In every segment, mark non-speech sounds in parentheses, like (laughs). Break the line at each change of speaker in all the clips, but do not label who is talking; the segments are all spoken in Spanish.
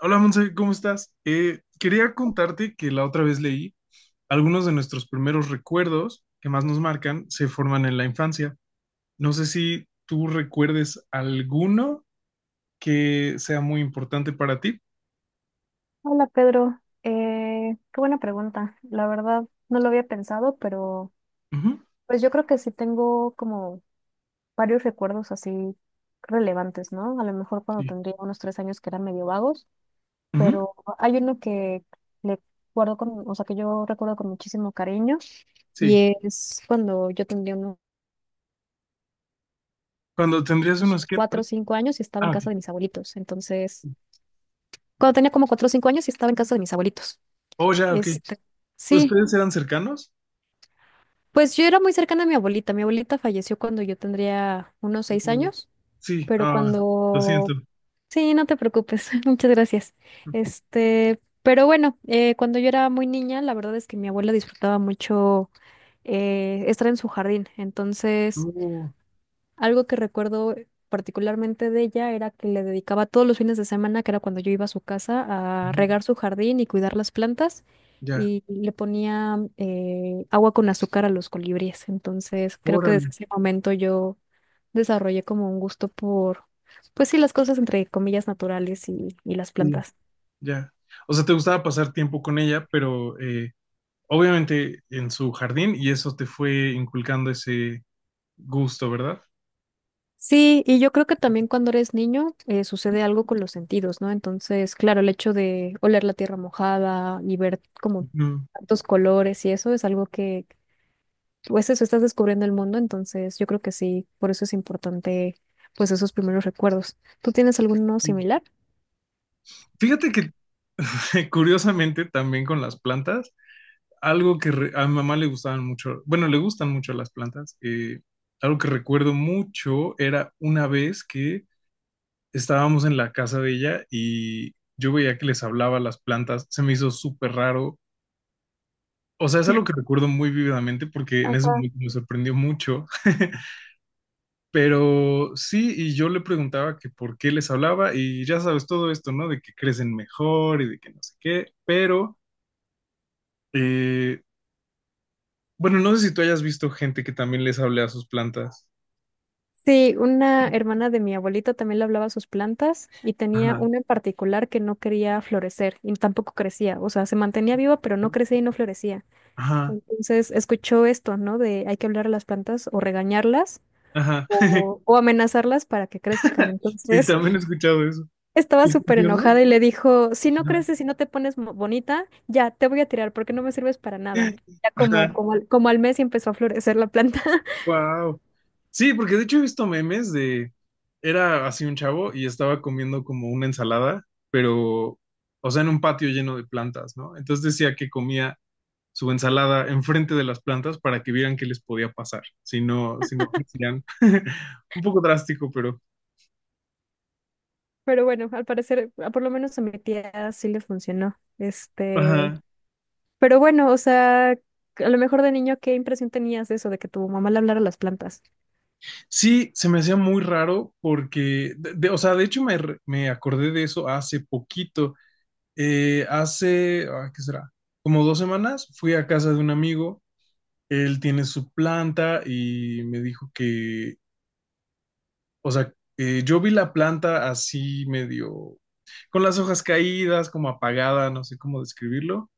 Hola Monse, ¿cómo estás? Quería contarte que la otra vez leí algunos de nuestros primeros recuerdos que más nos marcan se forman en la infancia. No sé si tú recuerdes alguno que sea muy importante para ti.
Hola Pedro, qué buena pregunta. La verdad no lo había pensado, pero
Ujú.
pues yo creo que sí tengo como varios recuerdos así relevantes, ¿no? A lo mejor cuando
Sí,
tendría unos 3 años que eran medio vagos,
ujú.
pero hay uno que le guardo con, o sea, que yo recuerdo con muchísimo cariño
Sí.
y es cuando yo tendría unos
Cuando tendrías unos que...
cuatro
perdón.
o cinco años y estaba en
Ah, ok.
casa de mis abuelitos. Entonces, cuando tenía como 4 o 5 años y estaba en casa de mis abuelitos.
Oh, ya, ok.
Este, sí.
¿Ustedes eran cercanos?
Pues yo era muy cercana a mi abuelita. Mi abuelita falleció cuando yo tendría unos seis
Ujú.
años,
Sí.
pero
Ah, lo
cuando...
siento.
Sí, no te preocupes. (laughs) Muchas gracias. Pero bueno, cuando yo era muy niña, la verdad es que mi abuela disfrutaba mucho estar en su jardín.
Oh,
Algo que recuerdo particularmente de ella era que le dedicaba todos los fines de semana, que era cuando yo iba a su casa, a
ujú,
regar su jardín y cuidar las plantas,
ya.
y le ponía agua con azúcar a los colibríes. Entonces, creo que desde
Órale.
ese momento yo desarrollé como un gusto por, pues sí, las cosas entre comillas naturales y las
Sí,
plantas.
ya. O sea, te gustaba pasar tiempo con ella, pero obviamente en su jardín y eso te fue inculcando ese gusto, ¿verdad?
Sí, y yo creo que también cuando eres niño sucede algo con los sentidos, ¿no? Entonces, claro, el hecho de oler la tierra mojada y ver como
Ujú.
tantos colores y eso es algo que, pues eso, estás descubriendo el mundo, entonces yo creo que sí, por eso es importante, pues esos primeros recuerdos. ¿Tú tienes alguno
Y
similar?
fíjate que (laughs) curiosamente también con las plantas, a mi mamá le gustaban mucho, bueno, le gustan mucho las plantas, algo que recuerdo mucho era una vez que estábamos en la casa de ella y yo veía que les hablaba a las plantas, se me hizo súper raro. O sea, es algo que
(laughs)
recuerdo muy vívidamente porque en ese
Ajá.
momento me sorprendió mucho. (laughs) Pero sí, y yo le preguntaba que por qué les hablaba y ya sabes todo esto, ¿no? De que crecen mejor y de que no sé qué, pero, eh, bueno, no sé si tú hayas visto gente que también les hable a sus plantas.
Sí, una hermana de mi abuelita también le hablaba a sus plantas y tenía
Ajá,
una en particular que no quería florecer y tampoco crecía, o sea, se mantenía viva pero no crecía y no florecía.
ajá,
Entonces escuchó esto, ¿no? De hay que hablar a las plantas o regañarlas
ajá. (laughs)
o amenazarlas para que crezcan.
Sí,
Entonces
también he escuchado eso.
(laughs) estaba
¿Y
súper
funcionó?
enojada y le dijo, si no
Ajá.
creces, si no te pones bonita, ya te voy a tirar porque no me sirves para nada. Ya
Ajá.
como al mes y empezó a florecer la planta. (laughs)
Wow. Sí, porque de hecho he visto memes de, era así un chavo y estaba comiendo como una ensalada, pero, o sea, en un patio lleno de plantas, ¿no? Entonces decía que comía su ensalada enfrente de las plantas para que vieran qué les podía pasar, si no crecían. (laughs) Un poco drástico, pero...
Pero bueno, al parecer, a- por lo menos a mi tía sí le funcionó.
Ajá.
Pero bueno, o sea, a lo mejor de niño, ¿qué impresión tenías de eso, de que tu mamá le hablara a las plantas?
Sí, se me hacía muy raro porque, o sea, de hecho me acordé de eso hace poquito. ¿Qué será? Como dos semanas fui a casa de un amigo, él tiene su planta y me dijo que, o sea, yo vi la planta así medio, con las hojas caídas, como apagada, no sé cómo describirlo.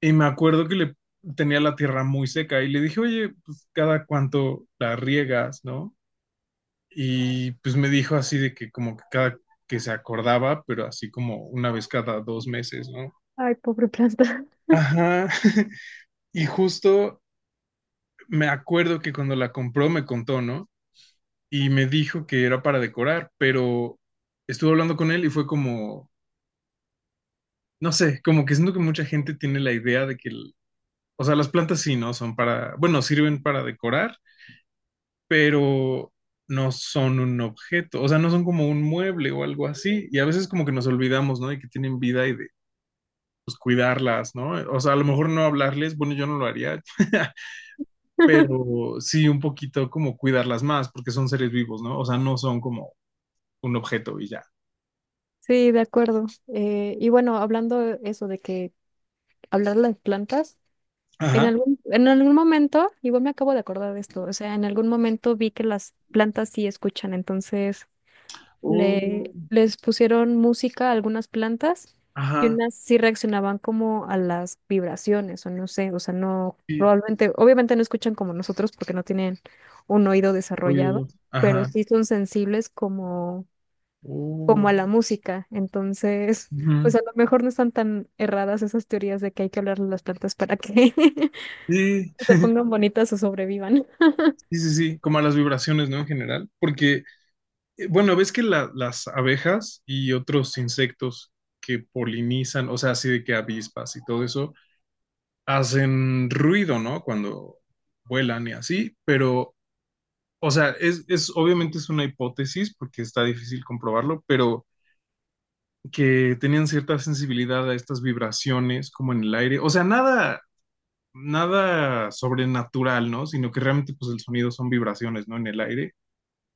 Y me acuerdo que le tenía la tierra muy seca y le dije, oye, pues cada cuánto la riegas, ¿no? Y pues me dijo así de que como que cada que se acordaba, pero así como una vez cada dos meses, ¿no?
Ay, pobre planta.
Ajá. (laughs) Y justo me acuerdo que cuando la compró me contó, ¿no? Y me dijo que era para decorar, pero estuve hablando con él y fue como, no sé, como que siento que mucha gente tiene la idea de que, o sea, las plantas sí, ¿no? Son para, bueno, sirven para decorar, pero no son un objeto, o sea, no son como un mueble o algo así, y a veces como que nos olvidamos, ¿no? De que tienen vida y de pues, cuidarlas, ¿no? O sea, a lo mejor no hablarles, bueno, yo no lo haría, (laughs)
(laughs)
pero sí un poquito como cuidarlas más, porque son seres vivos, ¿no? O sea, no son como un objeto y ya.
Sí, de acuerdo. Y bueno, hablando eso de que hablar de las plantas, en
Ajá.
algún, en algún momento, igual me acabo de acordar de esto, o sea, en algún momento vi que las plantas sí escuchan, entonces
Oh,
les pusieron música a algunas plantas y
ajá,
unas sí reaccionaban como a las vibraciones, o no sé, o sea, no,
sí,
probablemente, obviamente no escuchan como nosotros porque no tienen un oído desarrollado,
oídos,
pero
ajá,
sí son sensibles como
oh,
a la música. Entonces, (laughs)
ujú.
pues a lo mejor no están tan erradas esas teorías de que hay que hablarle a las plantas para que
Sí,
(laughs) se pongan bonitas o sobrevivan.
sí, sí, sí, como a las vibraciones, ¿no? En general, porque bueno, ves que las abejas y otros insectos que polinizan, o sea, así de que avispas y todo eso, hacen ruido, ¿no? Cuando vuelan y así, pero, o sea, es obviamente es una hipótesis porque está difícil comprobarlo, pero que tenían cierta sensibilidad a estas vibraciones como en el aire, o sea, nada sobrenatural, ¿no? Sino que realmente pues el sonido son vibraciones, ¿no? En el aire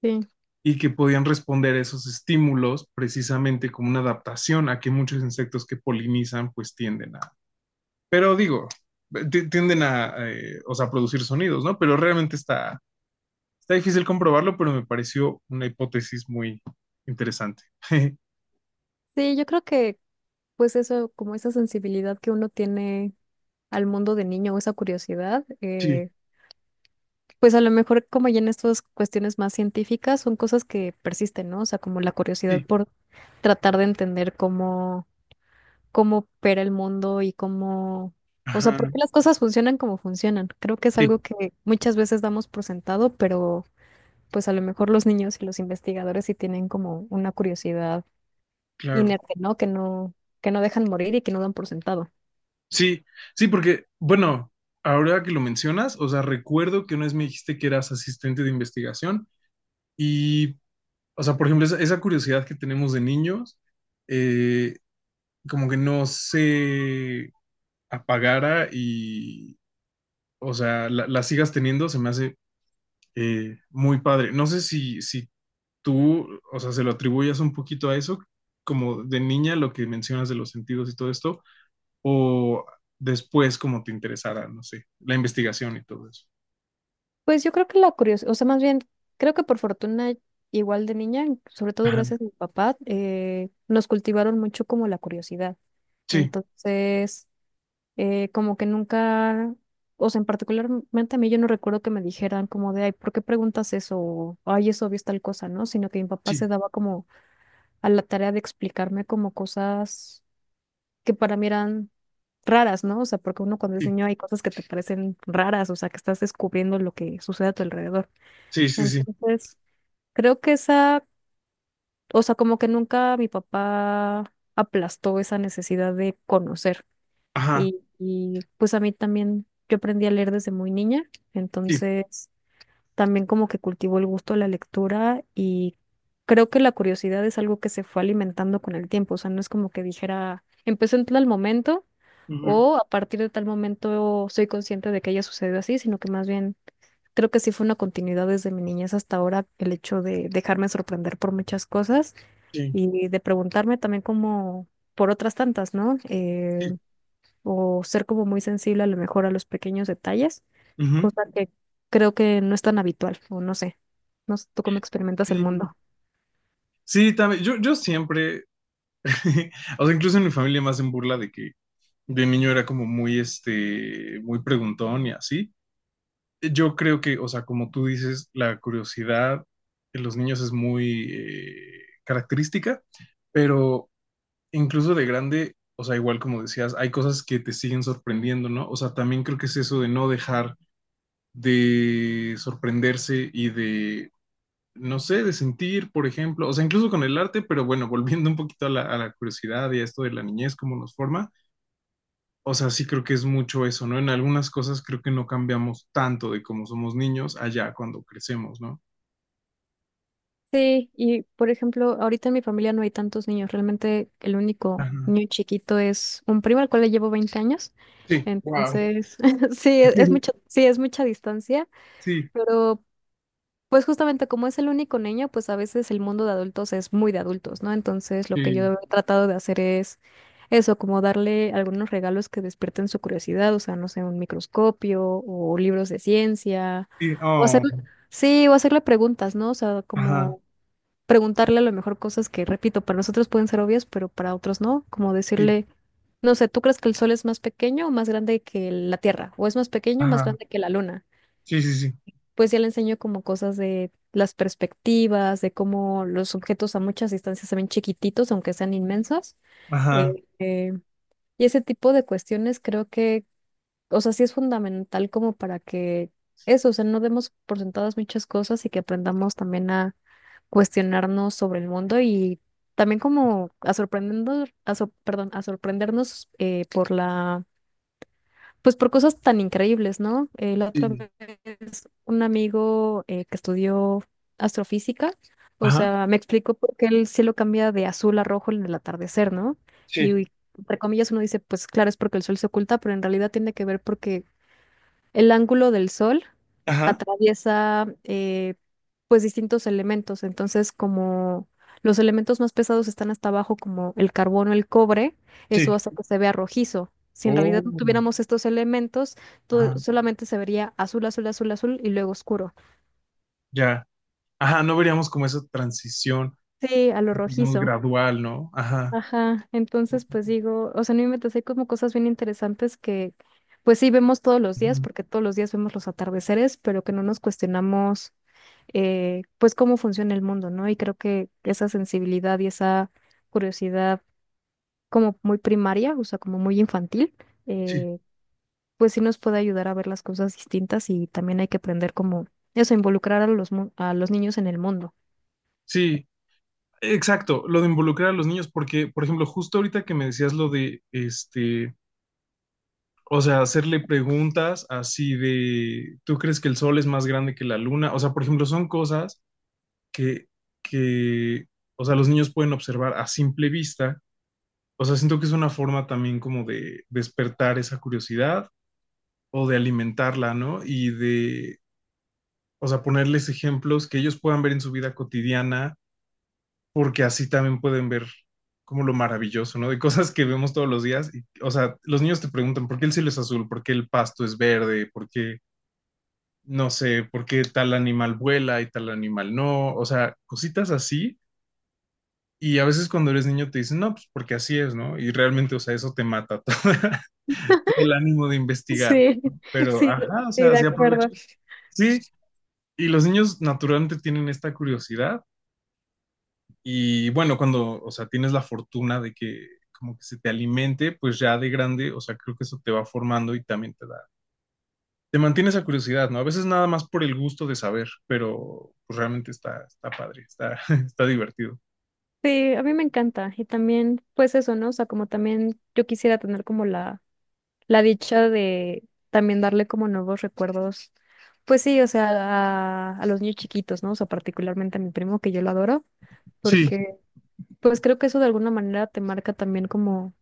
Sí.
y que podían responder a esos estímulos precisamente como una adaptación a que muchos insectos que polinizan pues tienden a, pero digo, o sea, producir sonidos, ¿no? Pero realmente está difícil comprobarlo, pero me pareció una hipótesis muy interesante. (laughs)
Sí, yo creo que pues eso, como esa sensibilidad que uno tiene al mundo de niño o esa curiosidad,
Sí,
pues a lo mejor como ya en estas cuestiones más científicas son cosas que persisten, ¿no? O sea, como la curiosidad
sí,
por tratar de entender cómo opera el mundo y cómo, o sea,
ajá,
por qué las cosas funcionan como funcionan. Creo que es
sí,
algo que muchas veces damos por sentado, pero pues a lo mejor los niños y los investigadores sí tienen como una curiosidad
claro.
inerte, ¿no? Que no, que no dejan morir y que no dan por sentado.
Sí, sí, porque, bueno, ahora que lo mencionas, o sea, recuerdo que una vez me dijiste que eras asistente de investigación y o sea, por ejemplo, esa curiosidad que tenemos de niños, eh, como que no se apagara y, o sea, la sigas teniendo, se me hace muy padre. No sé si tú, o sea, se lo atribuyas un poquito a eso, como de niña, lo que mencionas de los sentidos y todo esto, o después como te interesara, no sé, la investigación y todo eso.
Pues yo creo que la curiosidad, o sea, más bien, creo que por fortuna, igual de niña, sobre todo
Ajá.
gracias a mi papá, nos cultivaron mucho como la curiosidad.
Sí,
Entonces, como que nunca, o sea, en particularmente a mí yo no recuerdo que me dijeran como de, ay, ¿por qué preguntas eso? O, ay, es obvio es tal cosa, ¿no? Sino que mi papá
sí,
se daba como a la tarea de explicarme como cosas que para mí eran raras, ¿no? O sea, porque uno cuando es
sí,
niño hay cosas que te parecen raras, o sea, que estás descubriendo lo que sucede a tu alrededor.
sí, sí, sí.
Entonces, creo que esa, o sea, como que nunca mi papá aplastó esa necesidad de conocer.
Ajá,
Y pues a mí también, yo aprendí a leer desde muy niña,
sí,
entonces también como que cultivo el gusto de la lectura y creo que la curiosidad es algo que se fue alimentando con el tiempo, o sea, no es como que dijera, empecé en tal momento
ujú.
o a partir de tal momento soy consciente de que haya sucedido así, sino que más bien creo que sí fue una continuidad desde mi niñez hasta ahora el hecho de dejarme sorprender por muchas cosas
Sí,
y de preguntarme también como por otras tantas, ¿no?
sí,
O ser como muy sensible a lo mejor a los pequeños detalles,
ujú,
cosa que creo que no es tan habitual, o no sé, no sé tú cómo experimentas el
sí.
mundo.
Sí, también, yo siempre, (laughs) o sea, incluso en mi familia más hacen burla de que de niño era como muy, este, muy preguntón y así. Yo creo que, o sea, como tú dices, la curiosidad en los niños es muy característica, pero incluso de grande, o sea, igual como decías, hay cosas que te siguen sorprendiendo, ¿no? O sea, también creo que es eso de no dejar de sorprenderse y de no sé, de sentir, por ejemplo, o sea, incluso con el arte, pero bueno, (laughs) volviendo un poquito a a la curiosidad y a esto de la niñez, cómo nos forma, o sea, sí creo que es mucho eso, ¿no? En algunas cosas creo que no cambiamos tanto de cómo somos niños allá cuando crecemos, ¿no?
Sí, y por ejemplo, ahorita en mi familia no hay tantos niños, realmente el único
Ajá.
niño chiquito es un primo al cual le llevo 20 años,
Sí, wow.
entonces (laughs) sí, es
(laughs)
mucho, sí, es mucha distancia,
Sí,
pero pues justamente como es el único niño, pues a veces el mundo de adultos es muy de adultos, ¿no? Entonces lo que yo
sí,
he tratado de hacer es eso, como darle algunos regalos que despierten su curiosidad, o sea, no sé, un microscopio o libros de ciencia,
sí,
o hacer,
oh,
sí, o hacerle preguntas, ¿no? O sea,
ajá,
como preguntarle a lo mejor cosas que, repito, para nosotros pueden ser obvias, pero para otros no, como
sí,
decirle, no sé, ¿tú crees que el sol es más pequeño o más grande que la Tierra? ¿O es más pequeño o más
ajá,
grande que la Luna?
sí, sí, sí,
Pues ya le enseño como cosas de las perspectivas, de cómo los objetos a muchas distancias se ven chiquititos, aunque sean inmensos.
ajá,
Eh, eh, y ese tipo de cuestiones creo que, o sea, sí es fundamental como para que eso, o sea, no demos por sentadas muchas cosas y que aprendamos también a cuestionarnos sobre el mundo y también como a sorprendernos, perdón, a sorprendernos por la, pues por cosas tan increíbles, ¿no? La otra
sí,
es un amigo que estudió astrofísica, o
ajá,
sea, me explicó por qué el cielo cambia de azul a rojo en el atardecer, ¿no? Y,
sí,
y entre comillas uno dice, pues claro, es porque el sol se oculta, pero en realidad tiene que ver porque el ángulo del sol
ajá,
atraviesa pues distintos elementos, entonces como los elementos más pesados están hasta abajo, como el carbono, el cobre,
sí,
eso hace que se vea rojizo. Si en realidad no
oh,
tuviéramos estos elementos, todo-
ajá,
solamente se vería azul, azul, azul, azul y luego oscuro.
ya, ajá, no veríamos como esa transición,
Sí, a lo
digamos,
rojizo.
gradual, ¿no? Ajá.
Ajá, entonces pues digo, o sea, no inventes, hay como cosas bien interesantes que pues sí vemos todos los días,
Ujú.
porque todos los días vemos los atardeceres, pero que no nos cuestionamos pues cómo funciona el mundo, ¿no? Y creo que esa sensibilidad y esa curiosidad como muy primaria, o sea, como muy infantil,
Sí,
eh, pues sí nos puede ayudar a ver las cosas distintas y también hay que aprender como eso, involucrar a los niños en el mundo.
sí, exacto, lo de involucrar a los niños, porque, por ejemplo, justo ahorita que me decías lo de, este, o sea, hacerle preguntas así de, ¿tú crees que el sol es más grande que la luna? O sea, por ejemplo, son cosas que, que, o sea, los niños pueden observar a simple vista. O sea, siento que es una forma también como de despertar esa curiosidad o de alimentarla, ¿no? Y de, o sea, ponerles ejemplos que ellos puedan ver en su vida cotidiana porque así también pueden ver como lo maravilloso, ¿no? De cosas que vemos todos los días. Y, o sea, los niños te preguntan por qué el cielo es azul, por qué el pasto es verde, por qué, no sé, por qué tal animal vuela y tal animal no. O sea, cositas así. Y a veces cuando eres niño te dicen, no, pues porque así es, ¿no? Y realmente, o sea, eso te mata (laughs) todo, el ánimo de investigar.
Sí, (laughs)
Pero,
sí, sí,
ajá, o sea,
de
así
acuerdo.
aprovechas. Sí, y los niños naturalmente tienen esta curiosidad. Y bueno, cuando, o sea, tienes la fortuna de que como que se te alimente, pues ya de grande, o sea, creo que eso te va formando y también te da, te mantiene esa curiosidad, ¿no? A veces nada más por el gusto de saber, pero pues realmente está padre, está, (laughs) está divertido.
Sí, a mí me encanta. Y también, pues eso, ¿no? O sea, como también yo quisiera tener como la dicha de también darle como nuevos recuerdos. Pues sí, o sea, a los niños chiquitos, ¿no? O sea, particularmente a mi primo, que yo lo adoro,
Sí,
porque pues creo que eso de alguna manera te marca también como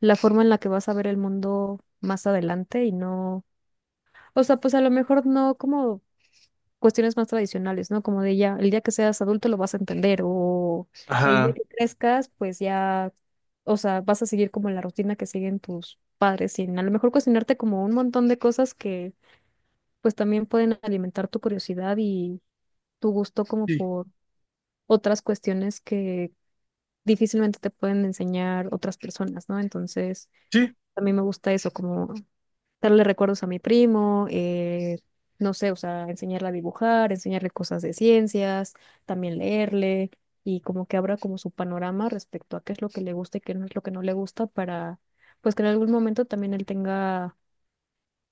la forma en la que vas a ver el mundo más adelante y no, o sea, pues a lo mejor no como cuestiones más tradicionales, ¿no? Como de ya, el día que seas adulto lo vas a entender o el día
ajá,
que crezcas, pues ya, o sea, vas a seguir como la rutina que siguen tus padres y a lo mejor cuestionarte como un montón de cosas que pues también pueden alimentar tu curiosidad y tu gusto como
sí,
por otras cuestiones que difícilmente te pueden enseñar otras personas, ¿no? Entonces,
sí,
a mí me gusta eso, como darle recuerdos a mi primo, no sé, o sea, enseñarle a dibujar, enseñarle cosas de ciencias, también leerle y como que abra como su panorama respecto a qué es lo que le gusta y qué no es lo que no le gusta para, pues que en algún momento también él tenga,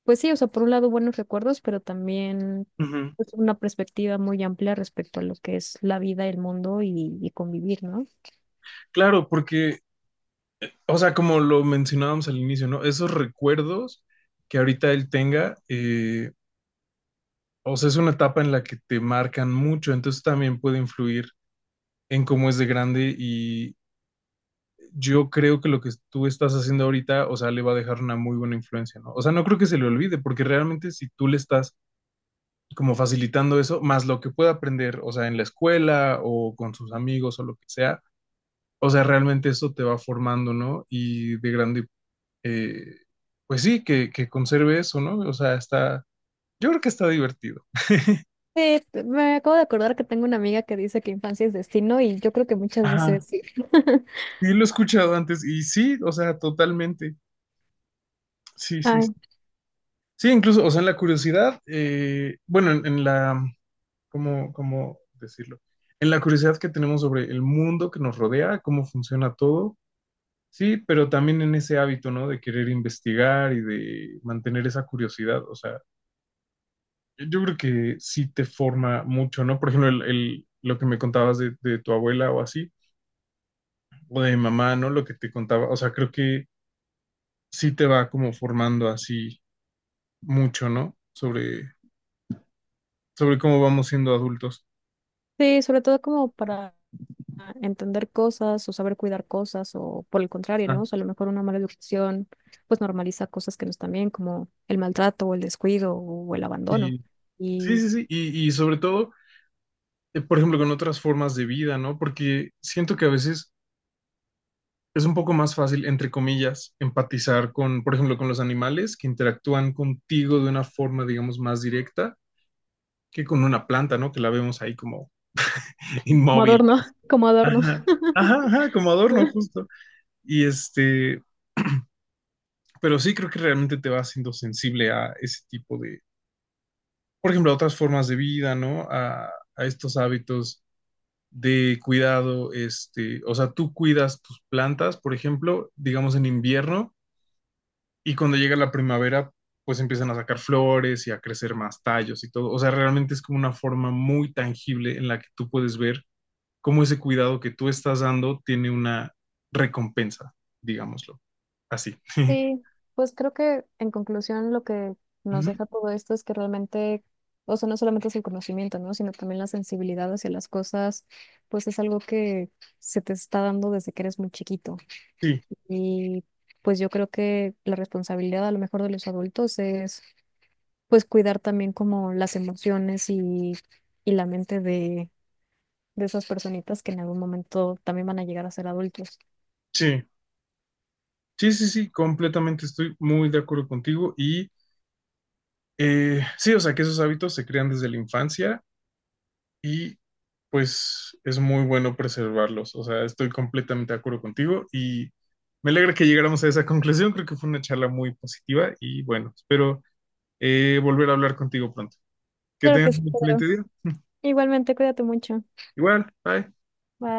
pues sí, o sea, por un lado buenos recuerdos, pero también
ujú,
pues, una perspectiva muy amplia respecto a lo que es la vida, el mundo y convivir, ¿no?
claro, porque, o sea, como lo mencionábamos al inicio, ¿no? Esos recuerdos que ahorita él tenga, o sea, es una etapa en la que te marcan mucho, entonces también puede influir en cómo es de grande. Yo creo que lo que tú estás haciendo ahorita, o sea, le va a dejar una muy buena influencia, ¿no? O sea, no creo que se le olvide, porque realmente si tú le estás como facilitando eso, más lo que pueda aprender, o sea, en la escuela o con sus amigos o lo que sea, o sea, realmente eso te va formando, ¿no? Y de grande, eh, pues sí, que conserve eso, ¿no? O sea, está, yo creo que está divertido.
Me acabo de acordar que tengo una amiga que dice que infancia es destino y yo creo que muchas
Ajá.
veces sí. (laughs)
Sí, lo he escuchado antes y sí, o sea, totalmente. Sí, sí, sí.
Ay.
Sí, incluso, o sea, en la curiosidad, en la ¿cómo, cómo decirlo? En la curiosidad que tenemos sobre el mundo que nos rodea, cómo funciona todo, sí, pero también en ese hábito, ¿no? De querer investigar y de mantener esa curiosidad. O sea, yo creo que sí te forma mucho, ¿no? Por ejemplo, lo que me contabas de tu abuela o así, o de mi mamá, ¿no? Lo que te contaba, o sea, creo que sí te va como formando así mucho, ¿no? Sobre, sobre cómo vamos siendo adultos.
Sí, sobre todo como para entender cosas o saber cuidar cosas o por el contrario, ¿no?
Ajá.
O sea, a lo mejor una mala educación pues normaliza cosas que no están bien como el maltrato o el descuido o el abandono
Sí, sí,
y
sí, sí. Y sobre todo por ejemplo, con otras formas de vida, ¿no? Porque siento que a veces es un poco más fácil, entre comillas, empatizar con, por ejemplo, con los animales que interactúan contigo de una forma, digamos, más directa que con una planta, ¿no? Que la vemos ahí como (laughs)
como
inmóvil.
adorno, (laughs) como adorno.
Ajá, ajá, ajá, como adorno
(laughs)
justo. Y este, pero sí creo que realmente te va haciendo sensible a ese tipo de, por ejemplo, a otras formas de vida, ¿no? A estos hábitos de cuidado, este, o sea, tú cuidas tus plantas, por ejemplo, digamos en invierno, y cuando llega la primavera, pues empiezan a sacar flores y a crecer más tallos y todo. O sea, realmente es como una forma muy tangible en la que tú puedes ver cómo ese cuidado que tú estás dando tiene una recompensa, digámoslo. Así. (laughs)
Sí, pues creo que en conclusión lo que nos
Ujú.
deja todo esto es que realmente, o sea, no solamente es el conocimiento, ¿no? Sino también la sensibilidad hacia las cosas, pues es algo que se te está dando desde que eres muy chiquito.
Sí,
Y pues yo creo que la responsabilidad a lo mejor de los adultos es pues cuidar también como las emociones y la mente de esas personitas que en algún momento también van a llegar a ser adultos.
sí, sí, sí, sí, completamente estoy muy de acuerdo contigo y sí, o sea, que esos hábitos se crean desde la infancia y pues es muy bueno preservarlos. O sea, estoy completamente de acuerdo contigo y me alegra que llegáramos a esa conclusión. Creo que fue una charla muy positiva y bueno, espero volver a hablar contigo pronto. Que
Claro que
tengas
sí,
un excelente
Pedro.
día.
Igualmente, cuídate mucho.
Igual, bye.
Bye.